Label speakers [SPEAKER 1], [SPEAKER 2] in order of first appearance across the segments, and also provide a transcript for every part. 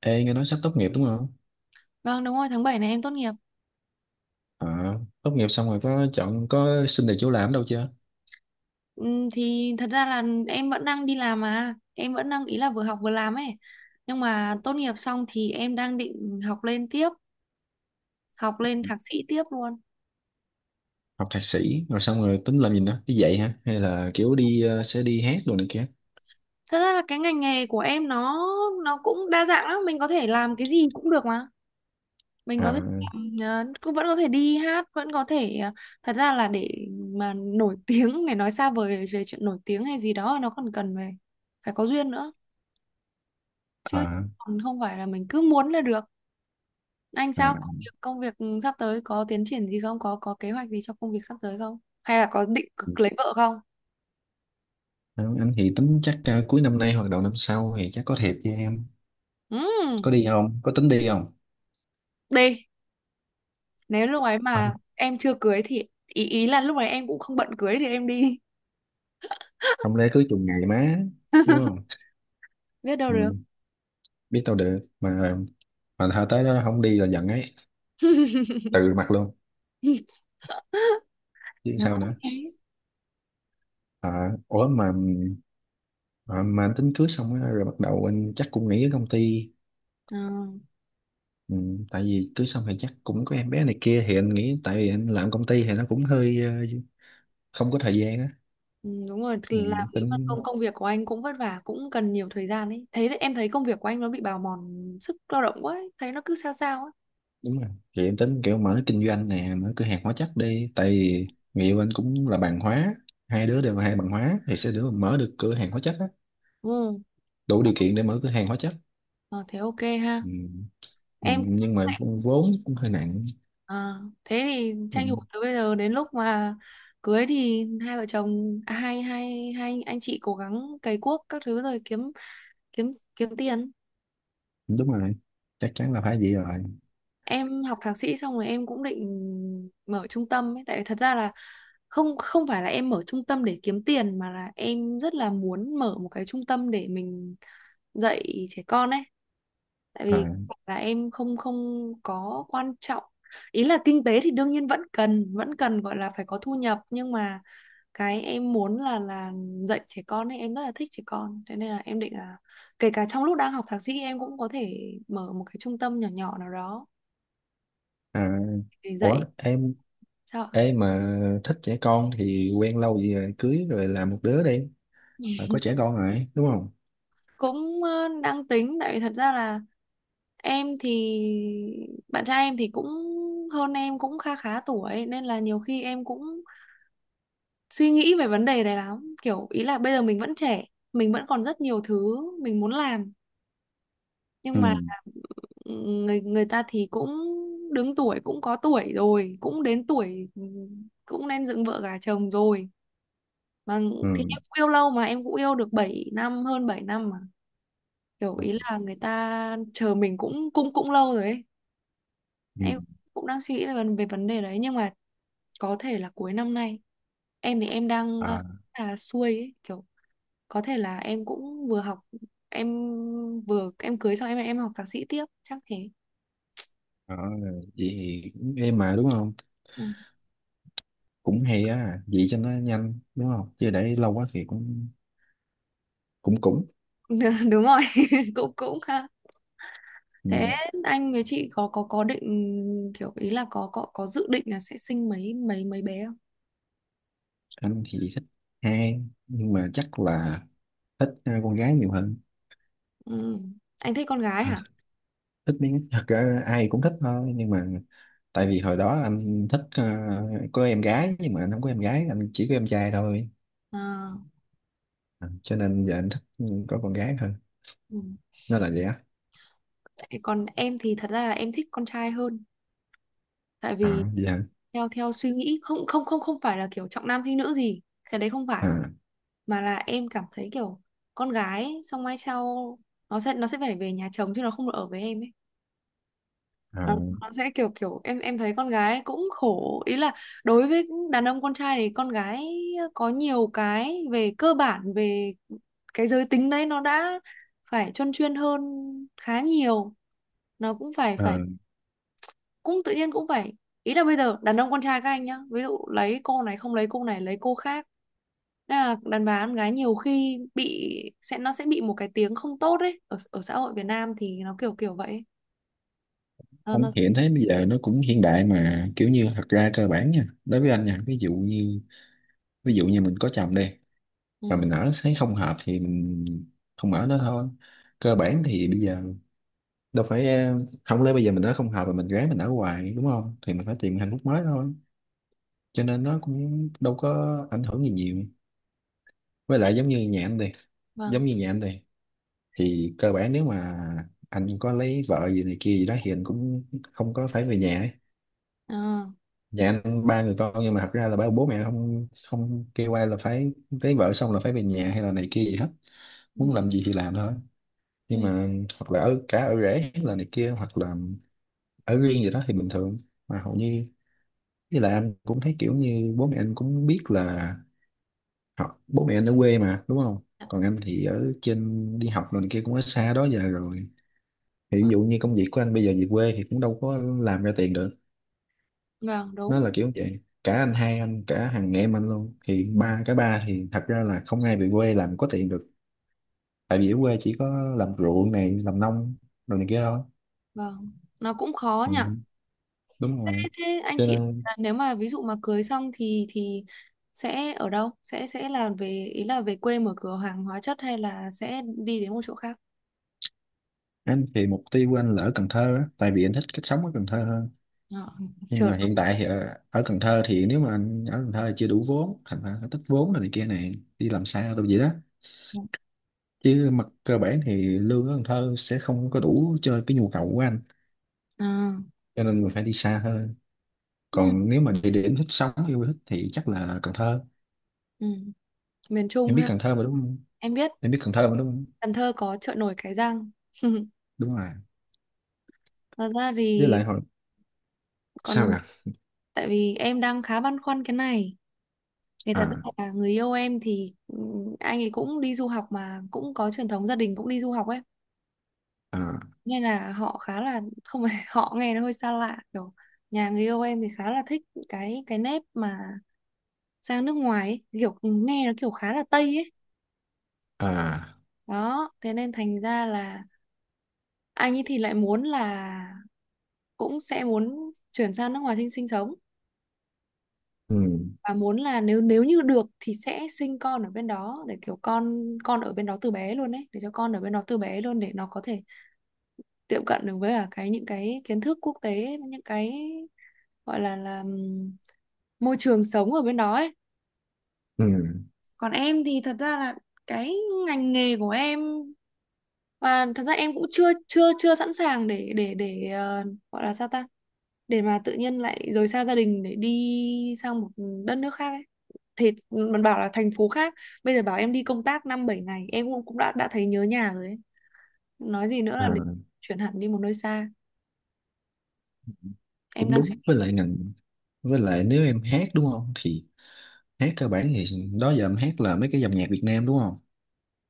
[SPEAKER 1] Ê, nghe nói sắp tốt nghiệp đúng không?
[SPEAKER 2] Vâng đúng rồi, tháng 7 này em tốt nghiệp.
[SPEAKER 1] À, tốt nghiệp xong rồi có xin được chỗ làm đâu chưa?
[SPEAKER 2] Thì thật ra là em vẫn đang đi làm mà. Em vẫn đang ý là vừa học vừa làm ấy. Nhưng mà tốt nghiệp xong thì em đang định học lên tiếp, học lên thạc sĩ tiếp luôn.
[SPEAKER 1] Học thạc sĩ rồi xong rồi tính làm gì nữa? Đi dạy hả? Hay là kiểu sẽ đi hát đồ này kia?
[SPEAKER 2] Thật ra là cái ngành nghề của em nó cũng đa dạng lắm, mình có thể làm cái gì cũng được mà. Mình
[SPEAKER 1] À,
[SPEAKER 2] có thể làm, cũng vẫn có thể đi hát, vẫn có thể thật ra là để mà nổi tiếng để nói xa vời về chuyện nổi tiếng hay gì đó nó còn cần về phải có duyên nữa chứ
[SPEAKER 1] à,
[SPEAKER 2] còn không phải là mình cứ muốn là được. Anh
[SPEAKER 1] à.
[SPEAKER 2] sao công việc sắp tới có tiến triển gì không? Có kế hoạch gì cho công việc sắp tới không? Hay là có định cực lấy vợ không?
[SPEAKER 1] Đó, anh thì tính chắc cuối năm nay hoặc đầu năm sau thì chắc có thiệp cho em. Có
[SPEAKER 2] Ừm,
[SPEAKER 1] đi không? Có tính đi không?
[SPEAKER 2] đi. Nếu lúc ấy mà
[SPEAKER 1] Không,
[SPEAKER 2] em chưa cưới thì ý ý là lúc ấy em cũng không bận cưới thì em đi.
[SPEAKER 1] không lẽ cứ chừng ngày má, đúng không?
[SPEAKER 2] Biết đâu được.
[SPEAKER 1] Ừ, biết đâu được mà thôi tới đó không đi là giận ấy, từ mặt luôn chứ
[SPEAKER 2] Nó
[SPEAKER 1] sao nữa.
[SPEAKER 2] như thế.
[SPEAKER 1] À, ủa mà anh tính cưới xong á, rồi bắt đầu anh chắc cũng nghỉ ở công ty.
[SPEAKER 2] Ờ,
[SPEAKER 1] Ừ, tại vì cưới xong thì chắc cũng có em bé này kia thì anh nghĩ tại vì anh làm công ty thì nó cũng hơi không có thời gian á.
[SPEAKER 2] ừ, đúng rồi,
[SPEAKER 1] Ừ,
[SPEAKER 2] thì làm nếu mà
[SPEAKER 1] tính
[SPEAKER 2] công công việc của anh cũng vất vả, cũng cần nhiều thời gian ấy. Thấy đấy, em thấy công việc của anh nó bị bào mòn sức lao động quá ấy. Thấy nó cứ sao sao ấy.
[SPEAKER 1] đúng rồi thì em tính kiểu mở kinh doanh nè, mở cửa hàng hóa chất đi, tại vì người yêu anh cũng là bằng hóa, hai đứa đều là hai bằng hóa thì sẽ được mở được cửa hàng hóa chất á,
[SPEAKER 2] Ừ.
[SPEAKER 1] đủ
[SPEAKER 2] Ờ,
[SPEAKER 1] điều kiện để mở cửa hàng hóa chất.
[SPEAKER 2] ờ, thế ok ha.
[SPEAKER 1] Ừ. Ừ,
[SPEAKER 2] Em
[SPEAKER 1] nhưng mà vốn cũng hơi nặng.
[SPEAKER 2] Ờ, thế thì
[SPEAKER 1] Ừ,
[SPEAKER 2] tranh thủ từ bây giờ đến lúc mà cưới thì hai vợ chồng à, hai hai hai anh chị cố gắng cày cuốc các thứ rồi kiếm kiếm kiếm tiền.
[SPEAKER 1] đúng rồi, chắc chắn là phải vậy rồi.
[SPEAKER 2] Em học thạc sĩ xong rồi em cũng định mở trung tâm ấy, tại vì thật ra là không không phải là em mở trung tâm để kiếm tiền mà là em rất là muốn mở một cái trung tâm để mình dạy trẻ con ấy, tại
[SPEAKER 1] À,
[SPEAKER 2] vì là em không không có quan trọng ý là kinh tế thì đương nhiên vẫn cần gọi là phải có thu nhập nhưng mà cái em muốn là dạy trẻ con ấy, em rất là thích trẻ con thế nên là em định là kể cả trong lúc đang học thạc sĩ em cũng có thể mở một cái trung tâm nhỏ nhỏ nào đó
[SPEAKER 1] à,
[SPEAKER 2] để
[SPEAKER 1] ủa
[SPEAKER 2] dạy.
[SPEAKER 1] em.
[SPEAKER 2] Sao ạ?
[SPEAKER 1] Ê mà thích trẻ con thì quen lâu gì rồi cưới rồi làm một đứa đi. Phải có trẻ con rồi đúng không?
[SPEAKER 2] Cũng đang tính, tại vì thật ra là em thì bạn trai em thì cũng hơn em cũng kha khá tuổi, nên là nhiều khi em cũng suy nghĩ về vấn đề này lắm, kiểu ý là bây giờ mình vẫn trẻ, mình vẫn còn rất nhiều thứ mình muốn làm
[SPEAKER 1] Ừ,
[SPEAKER 2] nhưng mà người người ta thì cũng đứng tuổi, cũng có tuổi rồi, cũng đến tuổi cũng nên dựng vợ gả chồng rồi mà, thì
[SPEAKER 1] ừ,
[SPEAKER 2] em cũng yêu lâu mà, em cũng yêu được 7 năm, hơn 7 năm mà, kiểu
[SPEAKER 1] ừ,
[SPEAKER 2] ý là người ta chờ mình cũng cũng cũng lâu rồi ấy.
[SPEAKER 1] ừ.
[SPEAKER 2] Em cũng đang suy nghĩ về, về vấn đề đấy nhưng mà có thể là cuối năm nay, em thì em đang
[SPEAKER 1] À,
[SPEAKER 2] là xuôi ấy, kiểu có thể là em cũng vừa học em vừa em cưới xong em học thạc sĩ tiếp chắc thế.
[SPEAKER 1] đó, vậy thì cũng êm mà đúng không,
[SPEAKER 2] Ừ.
[SPEAKER 1] cũng hay á, vậy cho nó nhanh đúng không chứ để lâu quá thì cũng cũng cũng.
[SPEAKER 2] Đúng rồi. cũng cũng ha. Thế
[SPEAKER 1] Ừ,
[SPEAKER 2] anh với chị có có định kiểu ý là có dự định là sẽ sinh mấy mấy mấy bé không?
[SPEAKER 1] anh thì thích hai, nhưng mà chắc là thích con gái nhiều hơn.
[SPEAKER 2] Ừ. Anh thích con gái
[SPEAKER 1] À,
[SPEAKER 2] hả?
[SPEAKER 1] thích thật ra ai cũng thích thôi, nhưng mà tại vì hồi đó anh thích có em gái nhưng mà anh không có em gái, anh chỉ có em trai thôi.
[SPEAKER 2] À,
[SPEAKER 1] À, cho nên giờ anh thích có con gái hơn,
[SPEAKER 2] ừ.
[SPEAKER 1] nó là vậy á.
[SPEAKER 2] Còn em thì thật ra là em thích con trai hơn, tại
[SPEAKER 1] À,
[SPEAKER 2] vì
[SPEAKER 1] vậy hả?
[SPEAKER 2] theo theo suy nghĩ, không không không không phải là kiểu trọng nam khinh nữ gì, cái đấy không phải,
[SPEAKER 1] À,
[SPEAKER 2] mà là em cảm thấy kiểu con gái xong mai sau nó sẽ phải về nhà chồng chứ nó không được ở với em ấy. Ờ,
[SPEAKER 1] à,
[SPEAKER 2] nó sẽ kiểu kiểu em thấy con gái cũng khổ, ý là đối với đàn ông con trai thì con gái có nhiều cái về cơ bản, về cái giới tính đấy nó đã phải chuyên chuyên hơn khá nhiều, nó cũng phải phải
[SPEAKER 1] à.
[SPEAKER 2] cũng tự nhiên cũng phải, ý là bây giờ đàn ông con trai các anh nhá, ví dụ lấy cô này không lấy cô này lấy cô khác. Thế là đàn bà con gái nhiều khi bị, sẽ nó sẽ bị một cái tiếng không tốt ấy, ở ở xã hội Việt Nam thì nó kiểu kiểu vậy ấy. nó
[SPEAKER 1] Anh
[SPEAKER 2] nó
[SPEAKER 1] hiện thấy bây giờ nó cũng hiện đại mà kiểu như thật ra cơ bản nha, đối với anh nha, ví dụ như, ví dụ như mình có chồng đi
[SPEAKER 2] Ừ.
[SPEAKER 1] mà mình ở thấy không hợp thì mình không ở nữa thôi. Cơ bản thì bây giờ đâu phải không lẽ bây giờ mình ở không hợp mà mình gái mình ở hoài đúng không, thì mình phải tìm hạnh phúc mới thôi, cho nên nó cũng đâu có ảnh hưởng gì nhiều. Với
[SPEAKER 2] Thế,
[SPEAKER 1] lại giống như nhà anh đi, giống
[SPEAKER 2] vâng.
[SPEAKER 1] như nhà anh đi thì cơ bản nếu mà anh có lấy vợ gì này kia gì đó thì anh cũng không có phải về nhà ấy.
[SPEAKER 2] Ờ,
[SPEAKER 1] Nhà anh ba người con nhưng mà thật ra là bảo bố mẹ không không kêu ai là phải lấy vợ xong là phải về nhà hay là này kia gì hết,
[SPEAKER 2] ừ,
[SPEAKER 1] muốn làm gì thì làm thôi,
[SPEAKER 2] ừ,
[SPEAKER 1] nhưng mà hoặc là ở cả ở rể hay là này kia hoặc là ở riêng gì đó thì bình thường. Mà hầu như, với lại anh cũng thấy kiểu như bố mẹ anh cũng biết là họ, bố mẹ anh ở quê mà đúng không,
[SPEAKER 2] dạ,
[SPEAKER 1] còn anh thì ở trên đi học rồi này kia cũng ở xa đó giờ rồi, thì ví
[SPEAKER 2] ừ,
[SPEAKER 1] dụ như công việc của anh bây giờ về quê thì cũng đâu có làm ra tiền được.
[SPEAKER 2] vâng đúng,
[SPEAKER 1] Nó là kiểu vậy, cả anh hai, anh cả, thằng em anh luôn, thì ba cả ba thì thật ra là không ai về quê làm có tiền được, tại vì ở quê chỉ có làm ruộng này, làm nông rồi này kia thôi.
[SPEAKER 2] vâng, nó cũng khó
[SPEAKER 1] Ừ,
[SPEAKER 2] nhỉ.
[SPEAKER 1] đúng rồi,
[SPEAKER 2] Thế, anh
[SPEAKER 1] cho
[SPEAKER 2] chị
[SPEAKER 1] nên
[SPEAKER 2] là nếu mà ví dụ mà cưới xong thì sẽ ở đâu, sẽ là về ý là về quê mở cửa hàng hóa chất hay là sẽ đi đến một chỗ khác?
[SPEAKER 1] anh thì mục tiêu của anh là ở Cần Thơ á, tại vì anh thích cách sống ở Cần Thơ hơn.
[SPEAKER 2] Ờ,
[SPEAKER 1] Nhưng
[SPEAKER 2] chợ.
[SPEAKER 1] mà hiện tại thì ở Cần Thơ thì nếu mà anh ở Cần Thơ thì chưa đủ vốn, thành ra nó tích vốn rồi này kia này đi làm xa đâu vậy đó, chứ mặt cơ bản thì lương ở Cần Thơ sẽ không có đủ cho cái nhu cầu của anh,
[SPEAKER 2] Ờ,
[SPEAKER 1] cho nên mình phải đi xa hơn.
[SPEAKER 2] ừ,
[SPEAKER 1] Còn nếu mà địa điểm thích sống yêu thích thì chắc là Cần Thơ.
[SPEAKER 2] ừ. Miền Trung
[SPEAKER 1] Em biết
[SPEAKER 2] ha.
[SPEAKER 1] Cần Thơ mà đúng không?
[SPEAKER 2] Em biết.
[SPEAKER 1] Em biết Cần Thơ mà đúng không?
[SPEAKER 2] Cần Thơ có chợ nổi Cái Răng.
[SPEAKER 1] Đúng rồi.
[SPEAKER 2] Thật ra
[SPEAKER 1] Với
[SPEAKER 2] thì
[SPEAKER 1] lại hồi,
[SPEAKER 2] còn,
[SPEAKER 1] sao là,
[SPEAKER 2] tại vì em đang khá băn khoăn cái này, thì thật ra
[SPEAKER 1] à,
[SPEAKER 2] là người yêu em thì anh ấy cũng đi du học mà cũng có truyền thống gia đình cũng đi du học ấy,
[SPEAKER 1] à,
[SPEAKER 2] nên là họ khá là không phải họ nghe nó hơi xa lạ, kiểu nhà người yêu em thì khá là thích cái nếp mà sang nước ngoài ấy, kiểu nghe nó kiểu khá là Tây ấy,
[SPEAKER 1] à,
[SPEAKER 2] đó thế nên thành ra là anh ấy thì lại muốn là cũng sẽ muốn chuyển sang nước ngoài sinh sinh sống,
[SPEAKER 1] ừ,
[SPEAKER 2] và muốn là nếu nếu như được thì sẽ sinh con ở bên đó để kiểu con ở bên đó từ bé luôn ấy, để cho con ở bên đó từ bé luôn để nó có thể tiệm cận được với cả cái những cái kiến thức quốc tế, những cái gọi là là môi trường sống ở bên đó ấy.
[SPEAKER 1] ừ,
[SPEAKER 2] Còn em thì thật ra là cái ngành nghề của em, và thật ra em cũng chưa chưa chưa sẵn sàng để gọi là sao ta, để mà tự nhiên lại rời xa gia đình để đi sang một đất nước khác ấy. Thì mình bảo là thành phố khác, bây giờ bảo em đi công tác năm bảy ngày em cũng cũng đã thấy nhớ nhà rồi ấy, nói gì nữa là để
[SPEAKER 1] à,
[SPEAKER 2] chuyển hẳn đi một nơi xa. Em
[SPEAKER 1] cũng
[SPEAKER 2] đang.
[SPEAKER 1] đúng, với lại ngành, với lại nếu em hát đúng không thì hát cơ bản thì đó giờ em hát là mấy cái dòng nhạc Việt Nam đúng không?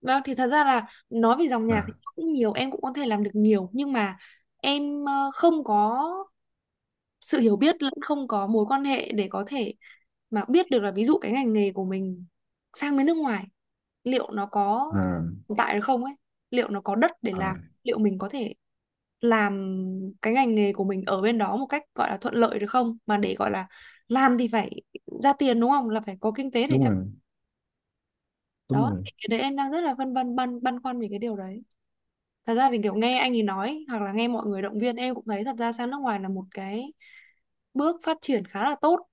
[SPEAKER 2] Vâng, thì thật ra là nói về dòng nhạc thì
[SPEAKER 1] À,
[SPEAKER 2] cũng nhiều, em cũng có thể làm được nhiều nhưng mà em không có sự hiểu biết lẫn không có mối quan hệ để có thể mà biết được là ví dụ cái ngành nghề của mình sang bên nước ngoài liệu nó có
[SPEAKER 1] à,
[SPEAKER 2] tồn tại được không ấy, liệu nó có đất để làm,
[SPEAKER 1] à,
[SPEAKER 2] liệu mình có thể làm cái ngành nghề của mình ở bên đó một cách gọi là thuận lợi được không? Mà để gọi là làm thì phải ra tiền đúng không? Là phải có kinh tế để
[SPEAKER 1] đúng
[SPEAKER 2] chắc
[SPEAKER 1] rồi, đúng
[SPEAKER 2] đó.
[SPEAKER 1] rồi.
[SPEAKER 2] Thì cái đấy em đang rất là phân vân, băn băn khoăn về cái điều đấy. Thật ra thì kiểu nghe anh ấy nói hoặc là nghe mọi người động viên em cũng thấy thật ra sang nước ngoài là một cái bước phát triển khá là tốt,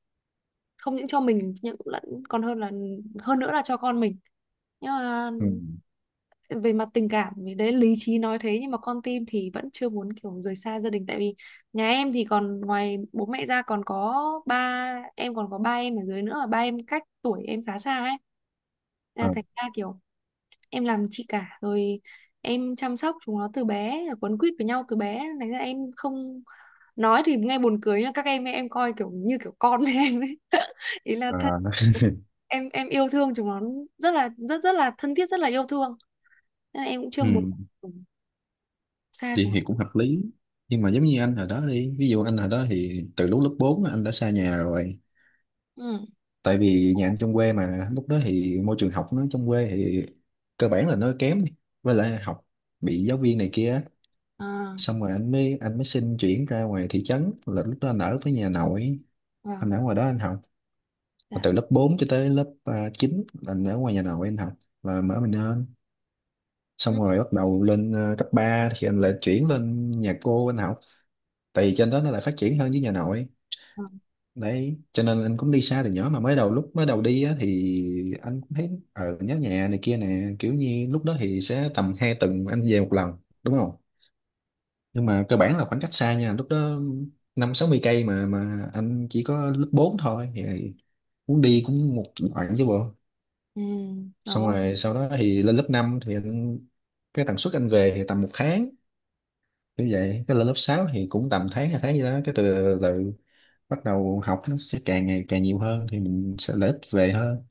[SPEAKER 2] không những cho mình nhưng cũng lẫn, còn hơn là, hơn nữa là cho con mình, nhưng mà
[SPEAKER 1] Ừ,
[SPEAKER 2] về mặt tình cảm thì đấy, lý trí nói thế nhưng mà con tim thì vẫn chưa muốn kiểu rời xa gia đình, tại vì nhà em thì còn ngoài bố mẹ ra còn có ba em, còn có ba em ở dưới nữa và ba em cách tuổi em khá xa ấy. Nên là
[SPEAKER 1] à,
[SPEAKER 2] thành ra kiểu em làm chị cả rồi, em chăm sóc chúng nó từ bé rồi, quấn quýt với nhau từ bé nên là em không, nói thì nghe buồn cười nhưng các em coi kiểu như kiểu con với em ấy, ý là thật,
[SPEAKER 1] à.
[SPEAKER 2] em yêu thương chúng nó rất là, rất rất là thân thiết, rất là yêu thương, nên là em cũng chưa muốn
[SPEAKER 1] Ừ,
[SPEAKER 2] xa
[SPEAKER 1] thì,
[SPEAKER 2] chúng
[SPEAKER 1] thì
[SPEAKER 2] nó.
[SPEAKER 1] cũng hợp lý, nhưng mà giống như anh hồi đó đi ví dụ anh hồi đó thì từ lúc lớp 4 anh đã xa nhà rồi,
[SPEAKER 2] Ừ,
[SPEAKER 1] tại vì nhà anh trong quê mà lúc đó thì môi trường học nó trong quê thì cơ bản là nó kém đi, với lại học bị giáo viên này kia á.
[SPEAKER 2] à,
[SPEAKER 1] Xong rồi anh mới xin chuyển ra ngoài thị trấn, là lúc đó anh ở với nhà nội,
[SPEAKER 2] vâng,
[SPEAKER 1] anh ở ngoài đó anh học. Và
[SPEAKER 2] dạ,
[SPEAKER 1] từ lớp 4 cho tới lớp 9 là anh ở ngoài nhà nội anh học, và mở mình lên,
[SPEAKER 2] ừ,
[SPEAKER 1] xong rồi bắt đầu lên cấp 3 thì anh lại chuyển lên nhà cô anh học, tại vì trên đó nó lại phát triển hơn với nhà nội.
[SPEAKER 2] vâng.
[SPEAKER 1] Đấy cho nên anh cũng đi xa từ nhỏ, mà mới đầu, lúc mới đầu đi á, thì anh cũng thấy ở nhớ nhà này kia nè, kiểu như lúc đó thì sẽ tầm 2 tuần anh về một lần, đúng không? Nhưng mà cơ bản là khoảng cách xa nha, lúc đó năm sáu mươi cây mà anh chỉ có lớp 4 thôi thì muốn đi cũng một đoạn chứ bộ.
[SPEAKER 2] Ừ,
[SPEAKER 1] Xong
[SPEAKER 2] đó.
[SPEAKER 1] rồi sau đó thì lên lớp 5 thì anh, cái tần suất anh về thì tầm một tháng, như vậy cái lên lớp 6 thì cũng tầm tháng hai tháng gì đó, cái từ, từ bắt đầu học nó sẽ càng ngày càng nhiều hơn thì mình sẽ lợi ích về hơn,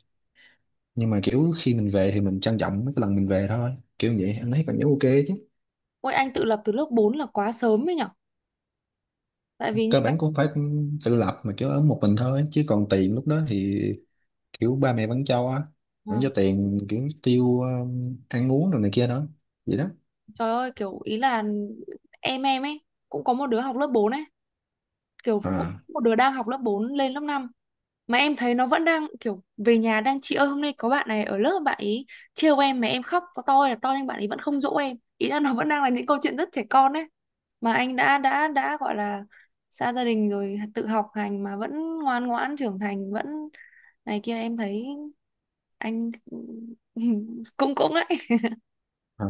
[SPEAKER 1] nhưng mà kiểu khi mình về thì mình trân trọng mấy cái lần mình về thôi, kiểu vậy anh thấy cảm giác ok chứ.
[SPEAKER 2] Ôi anh tự lập từ lớp 4 là quá sớm ấy nhở, tại vì như
[SPEAKER 1] Cơ
[SPEAKER 2] vậy.
[SPEAKER 1] bản cũng phải tự lập mà, kiểu ở một mình thôi chứ còn tiền lúc đó thì kiểu ba mẹ vẫn cho á, vẫn cho
[SPEAKER 2] Vâng.
[SPEAKER 1] tiền kiểu tiêu ăn uống rồi này kia đó, vậy đó.
[SPEAKER 2] Trời ơi kiểu ý là em ấy cũng có một đứa học lớp 4 ấy, kiểu cũng
[SPEAKER 1] À,
[SPEAKER 2] một đứa đang học lớp 4 lên lớp 5 mà em thấy nó vẫn đang kiểu về nhà đang chị ơi hôm nay có bạn này ở lớp bạn ấy trêu em mà em khóc có to hay là to nhưng bạn ấy vẫn không dỗ em, ý là nó vẫn đang là những câu chuyện rất trẻ con ấy, mà anh đã gọi là xa gia đình rồi tự học hành mà vẫn ngoan ngoãn trưởng thành vẫn này kia, em thấy anh cũng cũng đấy.
[SPEAKER 1] à.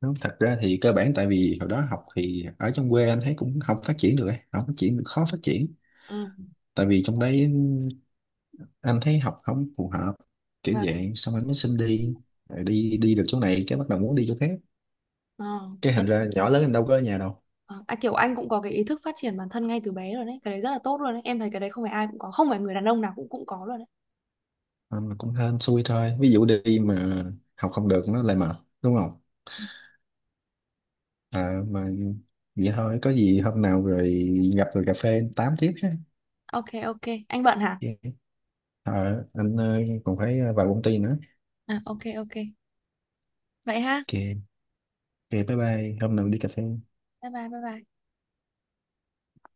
[SPEAKER 1] Đúng, thật ra thì cơ bản tại vì hồi đó học thì ở trong quê anh thấy cũng không phát triển được ấy, không phát triển khó phát triển,
[SPEAKER 2] Ừ.
[SPEAKER 1] tại vì trong đấy anh thấy học không phù hợp kiểu
[SPEAKER 2] Và
[SPEAKER 1] vậy, xong anh mới xin đi. Rồi đi đi được chỗ này cái bắt đầu muốn đi chỗ khác,
[SPEAKER 2] ờ,
[SPEAKER 1] cái
[SPEAKER 2] thế.
[SPEAKER 1] thành ra nhỏ lớn anh đâu có ở nhà đâu.
[SPEAKER 2] Ờ, à, kiểu anh cũng có cái ý thức phát triển bản thân ngay từ bé rồi đấy, cái đấy rất là tốt luôn đấy, em thấy cái đấy không phải ai cũng có, không phải người đàn ông nào cũng cũng có luôn đấy.
[SPEAKER 1] Anh cũng hên xui thôi, ví dụ đi mà học không được nó lại mệt, đúng không? Mà vậy thôi, có gì hôm nào rồi gặp rồi cà phê tám tiếp ha.
[SPEAKER 2] Ok ok anh bận hả?
[SPEAKER 1] Ok. Anh còn phải vào công ty nữa.
[SPEAKER 2] À ok ok vậy ha.
[SPEAKER 1] Ok, ok, bye bye, hôm nào đi cà phê.
[SPEAKER 2] Bye bye bye bye.